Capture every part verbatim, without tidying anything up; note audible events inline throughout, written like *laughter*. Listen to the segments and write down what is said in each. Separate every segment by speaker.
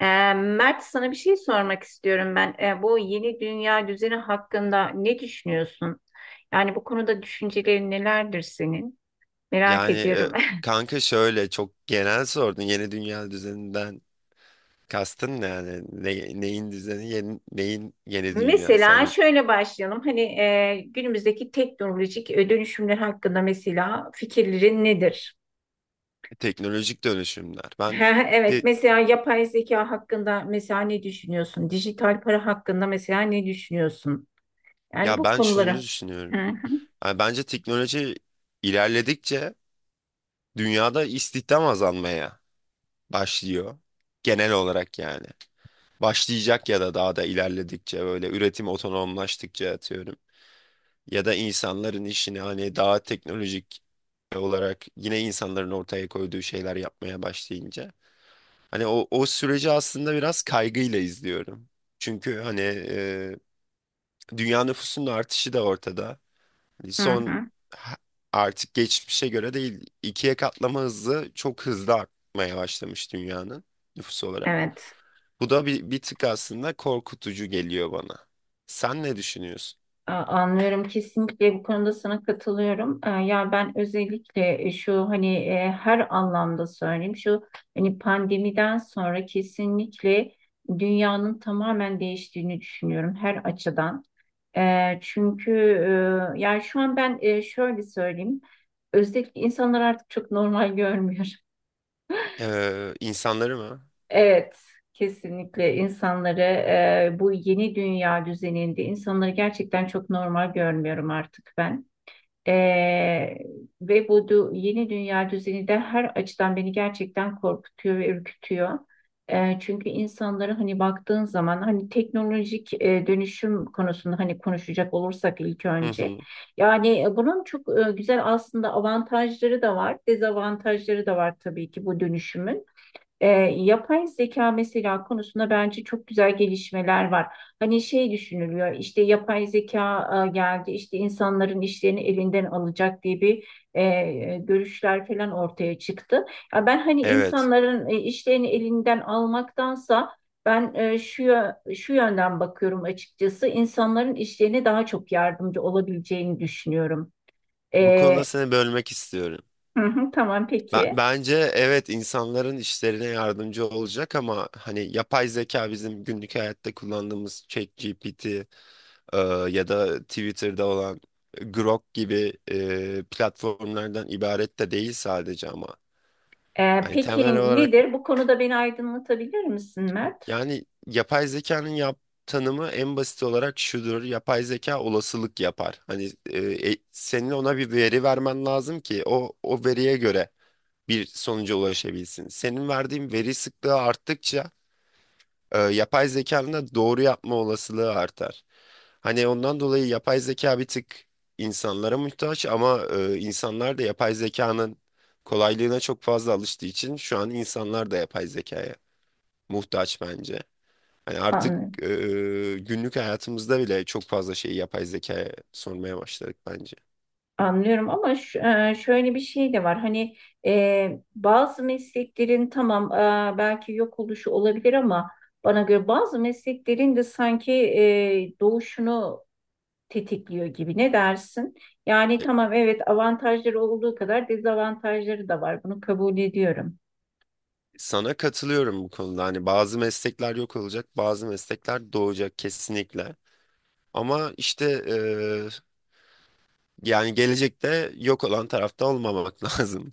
Speaker 1: Ee, Mert, sana bir şey sormak istiyorum ben. Ee, bu yeni dünya düzeni hakkında ne düşünüyorsun? Yani bu konuda düşüncelerin nelerdir senin? Merak
Speaker 2: Yani e,
Speaker 1: ediyorum.
Speaker 2: kanka şöyle çok genel sordun. Yeni dünya düzeninden kastın ne yani? Ne- neyin düzeni, yeni- neyin
Speaker 1: *laughs*
Speaker 2: yeni dünyası?
Speaker 1: Mesela
Speaker 2: Hani
Speaker 1: şöyle başlayalım. Hani e, günümüzdeki teknolojik dönüşümler hakkında mesela fikirlerin nedir? *laughs*
Speaker 2: teknolojik dönüşümler. Ben
Speaker 1: Ha, Evet,
Speaker 2: de
Speaker 1: mesela yapay zeka hakkında mesela ne düşünüyorsun? Dijital para hakkında mesela ne düşünüyorsun? Yani
Speaker 2: ya
Speaker 1: bu
Speaker 2: Ben şunu
Speaker 1: konuları.
Speaker 2: düşünüyorum.
Speaker 1: Hı
Speaker 2: Yani bence teknoloji ilerledikçe dünyada istihdam azalmaya başlıyor. Genel olarak yani. Başlayacak ya da daha da ilerledikçe böyle üretim otonomlaştıkça atıyorum. Ya da insanların işini hani daha teknolojik olarak yine insanların ortaya koyduğu şeyler yapmaya başlayınca hani o o süreci aslında biraz kaygıyla izliyorum. Çünkü hani e, dünya nüfusunun artışı da ortada. Hani,
Speaker 1: hı hı.
Speaker 2: Son
Speaker 1: hı.
Speaker 2: ha- Artık geçmişe göre değil ikiye katlama hızı çok hızlı artmaya başlamış dünyanın nüfusu olarak.
Speaker 1: Evet.
Speaker 2: Bu da bir, bir tık aslında korkutucu geliyor bana. Sen ne düşünüyorsun?
Speaker 1: A- Anlıyorum, kesinlikle bu konuda sana katılıyorum. E, Ya ben özellikle e, şu hani e, her anlamda söyleyeyim şu hani pandemiden sonra kesinlikle dünyanın tamamen değiştiğini düşünüyorum her açıdan. E, çünkü e, yani şu an ben e, şöyle söyleyeyim, özellikle insanlar artık çok normal *laughs* görmüyor.
Speaker 2: Ee, insanları mı?
Speaker 1: Evet. Kesinlikle insanları e, bu yeni dünya düzeninde insanları gerçekten çok normal görmüyorum artık ben. Ee, ve bu du- yeni dünya düzeni de her açıdan beni gerçekten korkutuyor ve ürkütüyor. Ee, çünkü insanları hani baktığın zaman hani teknolojik e, dönüşüm konusunda hani konuşacak olursak ilk
Speaker 2: Hı
Speaker 1: önce.
Speaker 2: hı.
Speaker 1: Yani e, bunun çok e, güzel aslında avantajları da var, dezavantajları da var tabii ki bu dönüşümün. E, yapay zeka mesela konusunda bence çok güzel gelişmeler var. Hani şey düşünülüyor, işte yapay zeka e, geldi işte insanların işlerini elinden alacak diye bir e, görüşler falan ortaya çıktı. Ya ben hani
Speaker 2: Evet.
Speaker 1: insanların e, işlerini elinden almaktansa ben e, şu yö- şu yönden bakıyorum açıkçası, insanların işlerine daha çok yardımcı olabileceğini düşünüyorum.
Speaker 2: Bu konuda
Speaker 1: E,
Speaker 2: seni bölmek istiyorum.
Speaker 1: hı hı, tamam
Speaker 2: Ben,
Speaker 1: peki.
Speaker 2: bence evet, insanların işlerine yardımcı olacak ama hani yapay zeka bizim günlük hayatta kullandığımız ChatGPT e, ya da Twitter'da olan Grok gibi e, platformlardan ibaret de değil sadece ama.
Speaker 1: Ee,
Speaker 2: Hani
Speaker 1: peki
Speaker 2: temel olarak
Speaker 1: nedir? Bu konuda beni aydınlatabilir misin Mert?
Speaker 2: yani yapay zekanın yap tanımı en basit olarak şudur. Yapay zeka olasılık yapar. Hani e, e, senin ona bir veri vermen lazım ki o o veriye göre bir sonuca ulaşabilsin. Senin verdiğin veri sıklığı arttıkça e, yapay zekanın da doğru yapma olasılığı artar. Hani ondan dolayı yapay zeka bir tık insanlara muhtaç ama e, insanlar da yapay zekanın kolaylığına çok fazla alıştığı için şu an insanlar da yapay zekaya muhtaç bence. Hani artık
Speaker 1: An-
Speaker 2: e, e, günlük hayatımızda bile çok fazla şeyi yapay zekaya sormaya başladık bence.
Speaker 1: Anlıyorum ama ş- e, şöyle bir şey de var. Hani e, bazı mesleklerin tamam e, belki yok oluşu olabilir ama bana göre bazı mesleklerin de sanki e, doğuşunu tetikliyor gibi. Ne dersin? Yani tamam, evet, avantajları olduğu kadar dezavantajları da var. Bunu kabul ediyorum.
Speaker 2: Sana katılıyorum bu konuda. Hani bazı meslekler yok olacak, bazı meslekler doğacak kesinlikle. Ama işte eee, yani gelecekte yok olan tarafta olmamak *laughs* lazım.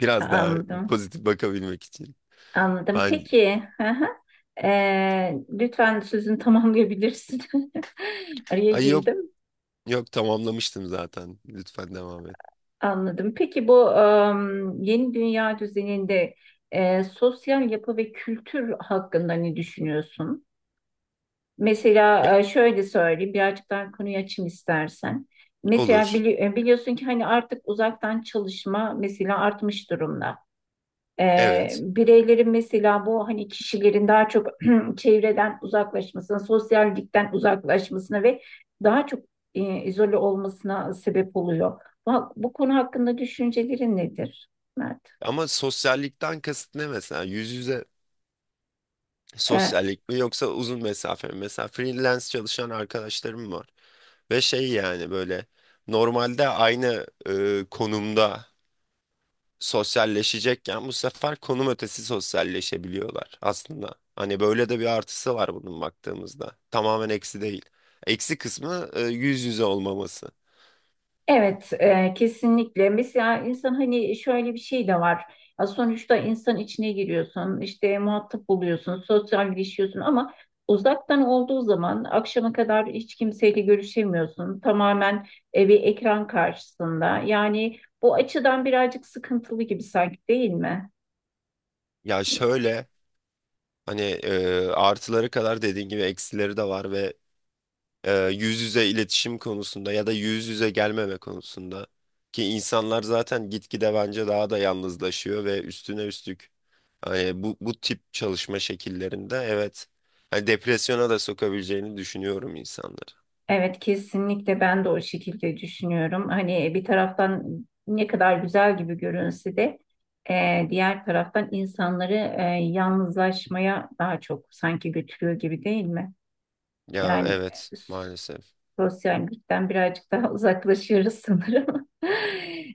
Speaker 2: Biraz daha
Speaker 1: Anladım.
Speaker 2: pozitif bakabilmek için.
Speaker 1: Anladım.
Speaker 2: Ben
Speaker 1: Peki. Hı hı. Ee, lütfen sözünü tamamlayabilirsin. *laughs* Araya
Speaker 2: ay yok
Speaker 1: girdim.
Speaker 2: Yok, tamamlamıştım zaten. Lütfen devam et.
Speaker 1: Anladım. Peki bu em, yeni dünya düzeninde e, sosyal yapı ve kültür hakkında ne düşünüyorsun?
Speaker 2: Ya,
Speaker 1: Mesela e, şöyle söyleyeyim, birazcık daha konuyu açayım istersen. Mesela
Speaker 2: olur.
Speaker 1: bili- e, biliyorsun ki hani artık uzaktan çalışma mesela artmış durumda. Ee,
Speaker 2: Evet.
Speaker 1: bireylerin mesela bu hani kişilerin daha çok *clears throat* çevreden uzaklaşmasına, sosyallikten uzaklaşmasına ve daha çok e, izole olmasına sebep oluyor. Bu, bu konu hakkında düşüncelerin nedir, Mert?
Speaker 2: Ama sosyallikten kasıt ne mesela? Yüz yüze
Speaker 1: E,
Speaker 2: sosyallik mi yoksa uzun mesafe mi? Mesela freelance çalışan arkadaşlarım var. Ve şey, yani böyle normalde aynı e, konumda sosyalleşecekken bu sefer konum ötesi sosyalleşebiliyorlar aslında. Hani böyle de bir artısı var bunun baktığımızda. Tamamen eksi değil. Eksi kısmı e, yüz yüze olmaması.
Speaker 1: Evet, e, kesinlikle. Mesela insan hani şöyle bir şey de var. Ya sonuçta insan içine giriyorsun, işte muhatap buluyorsun, sosyalleşiyorsun ama uzaktan olduğu zaman akşama kadar hiç kimseyle görüşemiyorsun. Tamamen e, bir ekran karşısında. Yani bu açıdan birazcık sıkıntılı gibi sanki, değil mi?
Speaker 2: Ya şöyle, hani e, artıları kadar dediğin gibi eksileri de var ve e, yüz yüze iletişim konusunda ya da yüz yüze gelmeme konusunda ki insanlar zaten gitgide bence daha da yalnızlaşıyor ve üstüne üstlük hani bu, bu tip çalışma şekillerinde evet, hani depresyona da sokabileceğini düşünüyorum insanları.
Speaker 1: Evet, kesinlikle ben de o şekilde düşünüyorum. Hani e, bir taraftan ne kadar güzel gibi görünse de e, diğer taraftan insanları e, yalnızlaşmaya daha çok sanki götürüyor gibi, değil mi?
Speaker 2: Ya
Speaker 1: Yani
Speaker 2: evet, maalesef.
Speaker 1: sosyallikten birazcık daha uzaklaşıyoruz sanırım. *laughs*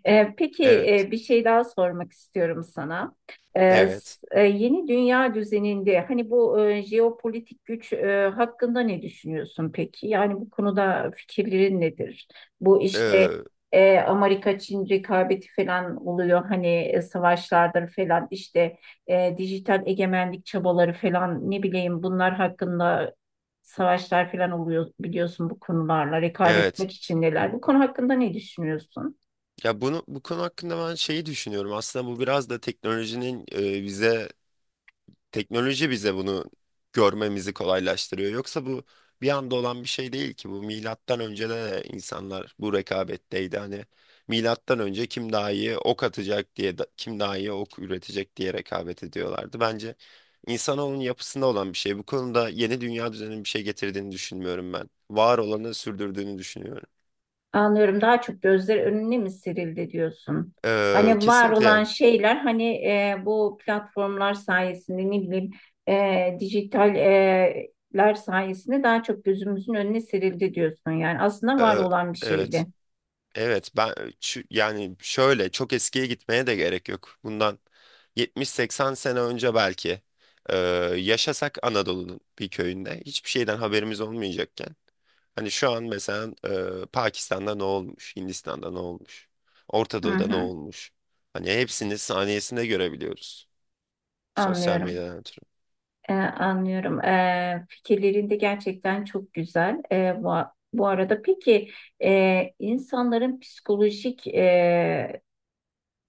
Speaker 1: E, peki
Speaker 2: Evet.
Speaker 1: e, bir şey daha sormak istiyorum sana. E,
Speaker 2: Evet.
Speaker 1: s- e, yeni dünya düzeninde hani bu e, jeopolitik güç e, hakkında ne düşünüyorsun peki? Yani bu konuda fikirlerin nedir? Bu işte
Speaker 2: Ee,
Speaker 1: e, Amerika-Çin rekabeti falan oluyor hani e, savaşlardır falan işte e, dijital egemenlik çabaları falan ne bileyim, bunlar hakkında savaşlar falan oluyor, biliyorsun bu konularla rekabet
Speaker 2: evet.
Speaker 1: etmek içindeler. Bu konu hakkında ne düşünüyorsun?
Speaker 2: Ya bunu bu konu hakkında ben şeyi düşünüyorum. Aslında bu biraz da teknolojinin e, bize teknoloji bize bunu görmemizi kolaylaştırıyor. Yoksa bu bir anda olan bir şey değil ki. Bu milattan önce de insanlar bu rekabetteydi. Hani milattan önce kim daha iyi ok atacak diye, da- kim daha iyi ok üretecek diye rekabet ediyorlardı. Bence insanoğlunun yapısında olan bir şey. Bu konuda yeni dünya düzeninin bir şey getirdiğini düşünmüyorum ben. Var olanı sürdürdüğünü düşünüyorum.
Speaker 1: Anlıyorum, daha çok gözler önüne mi serildi diyorsun?
Speaker 2: Ee,
Speaker 1: Hani var olan
Speaker 2: kesinlikle.
Speaker 1: şeyler hani e, bu platformlar sayesinde ne bileyim e, dijital e, sayesinde daha çok gözümüzün önüne serildi diyorsun. Yani aslında var
Speaker 2: Ee,
Speaker 1: olan bir şeydi.
Speaker 2: evet. Evet, ben çü- yani şöyle çok eskiye gitmeye de gerek yok. Bundan yetmiş seksen sene önce belki e, yaşasak Anadolu'nun bir köyünde hiçbir şeyden haberimiz olmayacakken hani şu an mesela e, Pakistan'da ne olmuş, Hindistan'da ne olmuş, Orta
Speaker 1: Hı
Speaker 2: Doğu'da ne
Speaker 1: hı,
Speaker 2: olmuş? Hani hepsini saniyesinde görebiliyoruz sosyal
Speaker 1: anlıyorum.
Speaker 2: medyadan ötürü.
Speaker 1: Ee, anlıyorum. Ee, fikirlerin de gerçekten çok güzel. Ee, bu, bu arada peki e, insanların psikolojik e,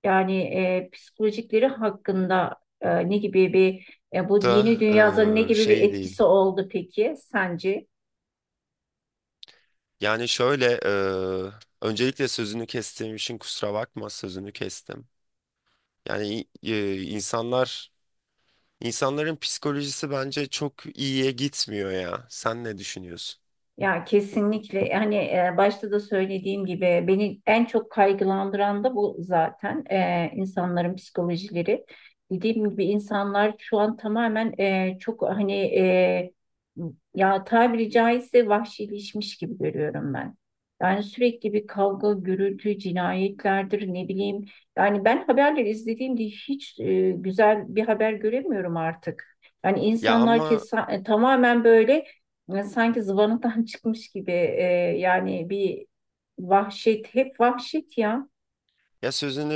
Speaker 1: yani e, psikolojikleri hakkında e, ne gibi bir e, bu
Speaker 2: Da
Speaker 1: yeni dünyada ne
Speaker 2: e,
Speaker 1: gibi bir
Speaker 2: Şey
Speaker 1: etkisi
Speaker 2: değil.
Speaker 1: oldu peki sence?
Speaker 2: Yani şöyle, e, öncelikle sözünü kestiğim için kusura bakma, sözünü kestim. Yani e, insanlar insanların psikolojisi bence çok iyiye gitmiyor ya. Sen ne düşünüyorsun?
Speaker 1: Ya kesinlikle, hani e, başta da söylediğim gibi beni en çok kaygılandıran da bu zaten. E, insanların psikolojileri. Dediğim gibi insanlar şu an tamamen e, çok hani e, ya tabiri caizse vahşileşmiş gibi görüyorum ben. Yani sürekli bir kavga, gürültü, cinayetlerdir, ne bileyim. Yani ben haberleri izlediğimde hiç e, güzel bir haber göremiyorum artık. Yani
Speaker 2: Ya
Speaker 1: insanlar
Speaker 2: ama
Speaker 1: kesa, e, tamamen böyle ya sanki zıvanadan *laughs* çıkmış gibi e, yani bir vahşet, hep vahşet ya.
Speaker 2: ya sözünü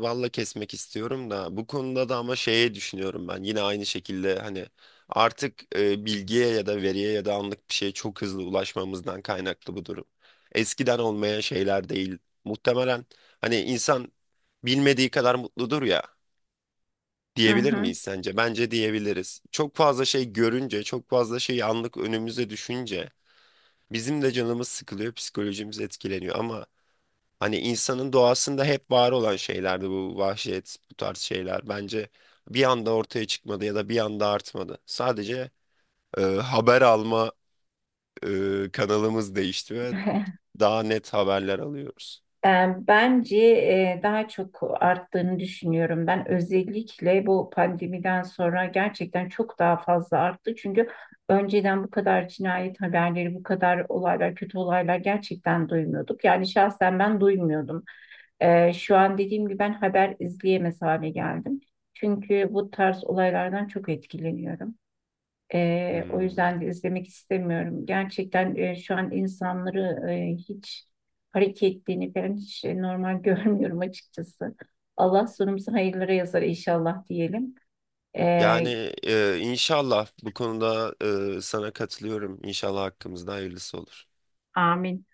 Speaker 2: e, balla kesmek istiyorum da bu konuda da ama şeye düşünüyorum ben. Yine aynı şekilde hani artık e, bilgiye ya da veriye ya da anlık bir şeye çok hızlı ulaşmamızdan kaynaklı bu durum. Eskiden olmayan şeyler değil. Muhtemelen hani insan bilmediği kadar mutludur ya.
Speaker 1: Hı
Speaker 2: Diyebilir
Speaker 1: hı.
Speaker 2: miyiz sence? Bence diyebiliriz. Çok fazla şey görünce, çok fazla şey anlık önümüze düşünce bizim de canımız sıkılıyor, psikolojimiz etkileniyor ama hani insanın doğasında hep var olan şeylerdi bu vahşet, bu tarz şeyler. Bence bir anda ortaya çıkmadı ya da bir anda artmadı. Sadece e, haber alma e, kanalımız değişti ve
Speaker 1: *laughs*
Speaker 2: daha net haberler alıyoruz.
Speaker 1: E, Bence e, daha çok arttığını düşünüyorum. Ben özellikle bu pandemiden sonra gerçekten çok daha fazla arttı. Çünkü önceden bu kadar cinayet haberleri, bu kadar olaylar, kötü olaylar gerçekten duymuyorduk. Yani şahsen ben duymuyordum. Ee, şu an dediğim gibi ben haber izleyemez hale geldim. Çünkü bu tarz olaylardan çok etkileniyorum. Ee, o
Speaker 2: Hmm.
Speaker 1: yüzden de izlemek istemiyorum. Gerçekten e, şu an insanları e, hiç hareketlerini falan hiç e, normal *laughs* görmüyorum açıkçası. Allah sonumuzu hayırlara yazar inşallah diyelim.
Speaker 2: Yani
Speaker 1: Ee,
Speaker 2: e, inşallah bu konuda e, sana katılıyorum. İnşallah hakkımızda hayırlısı olur.
Speaker 1: amin.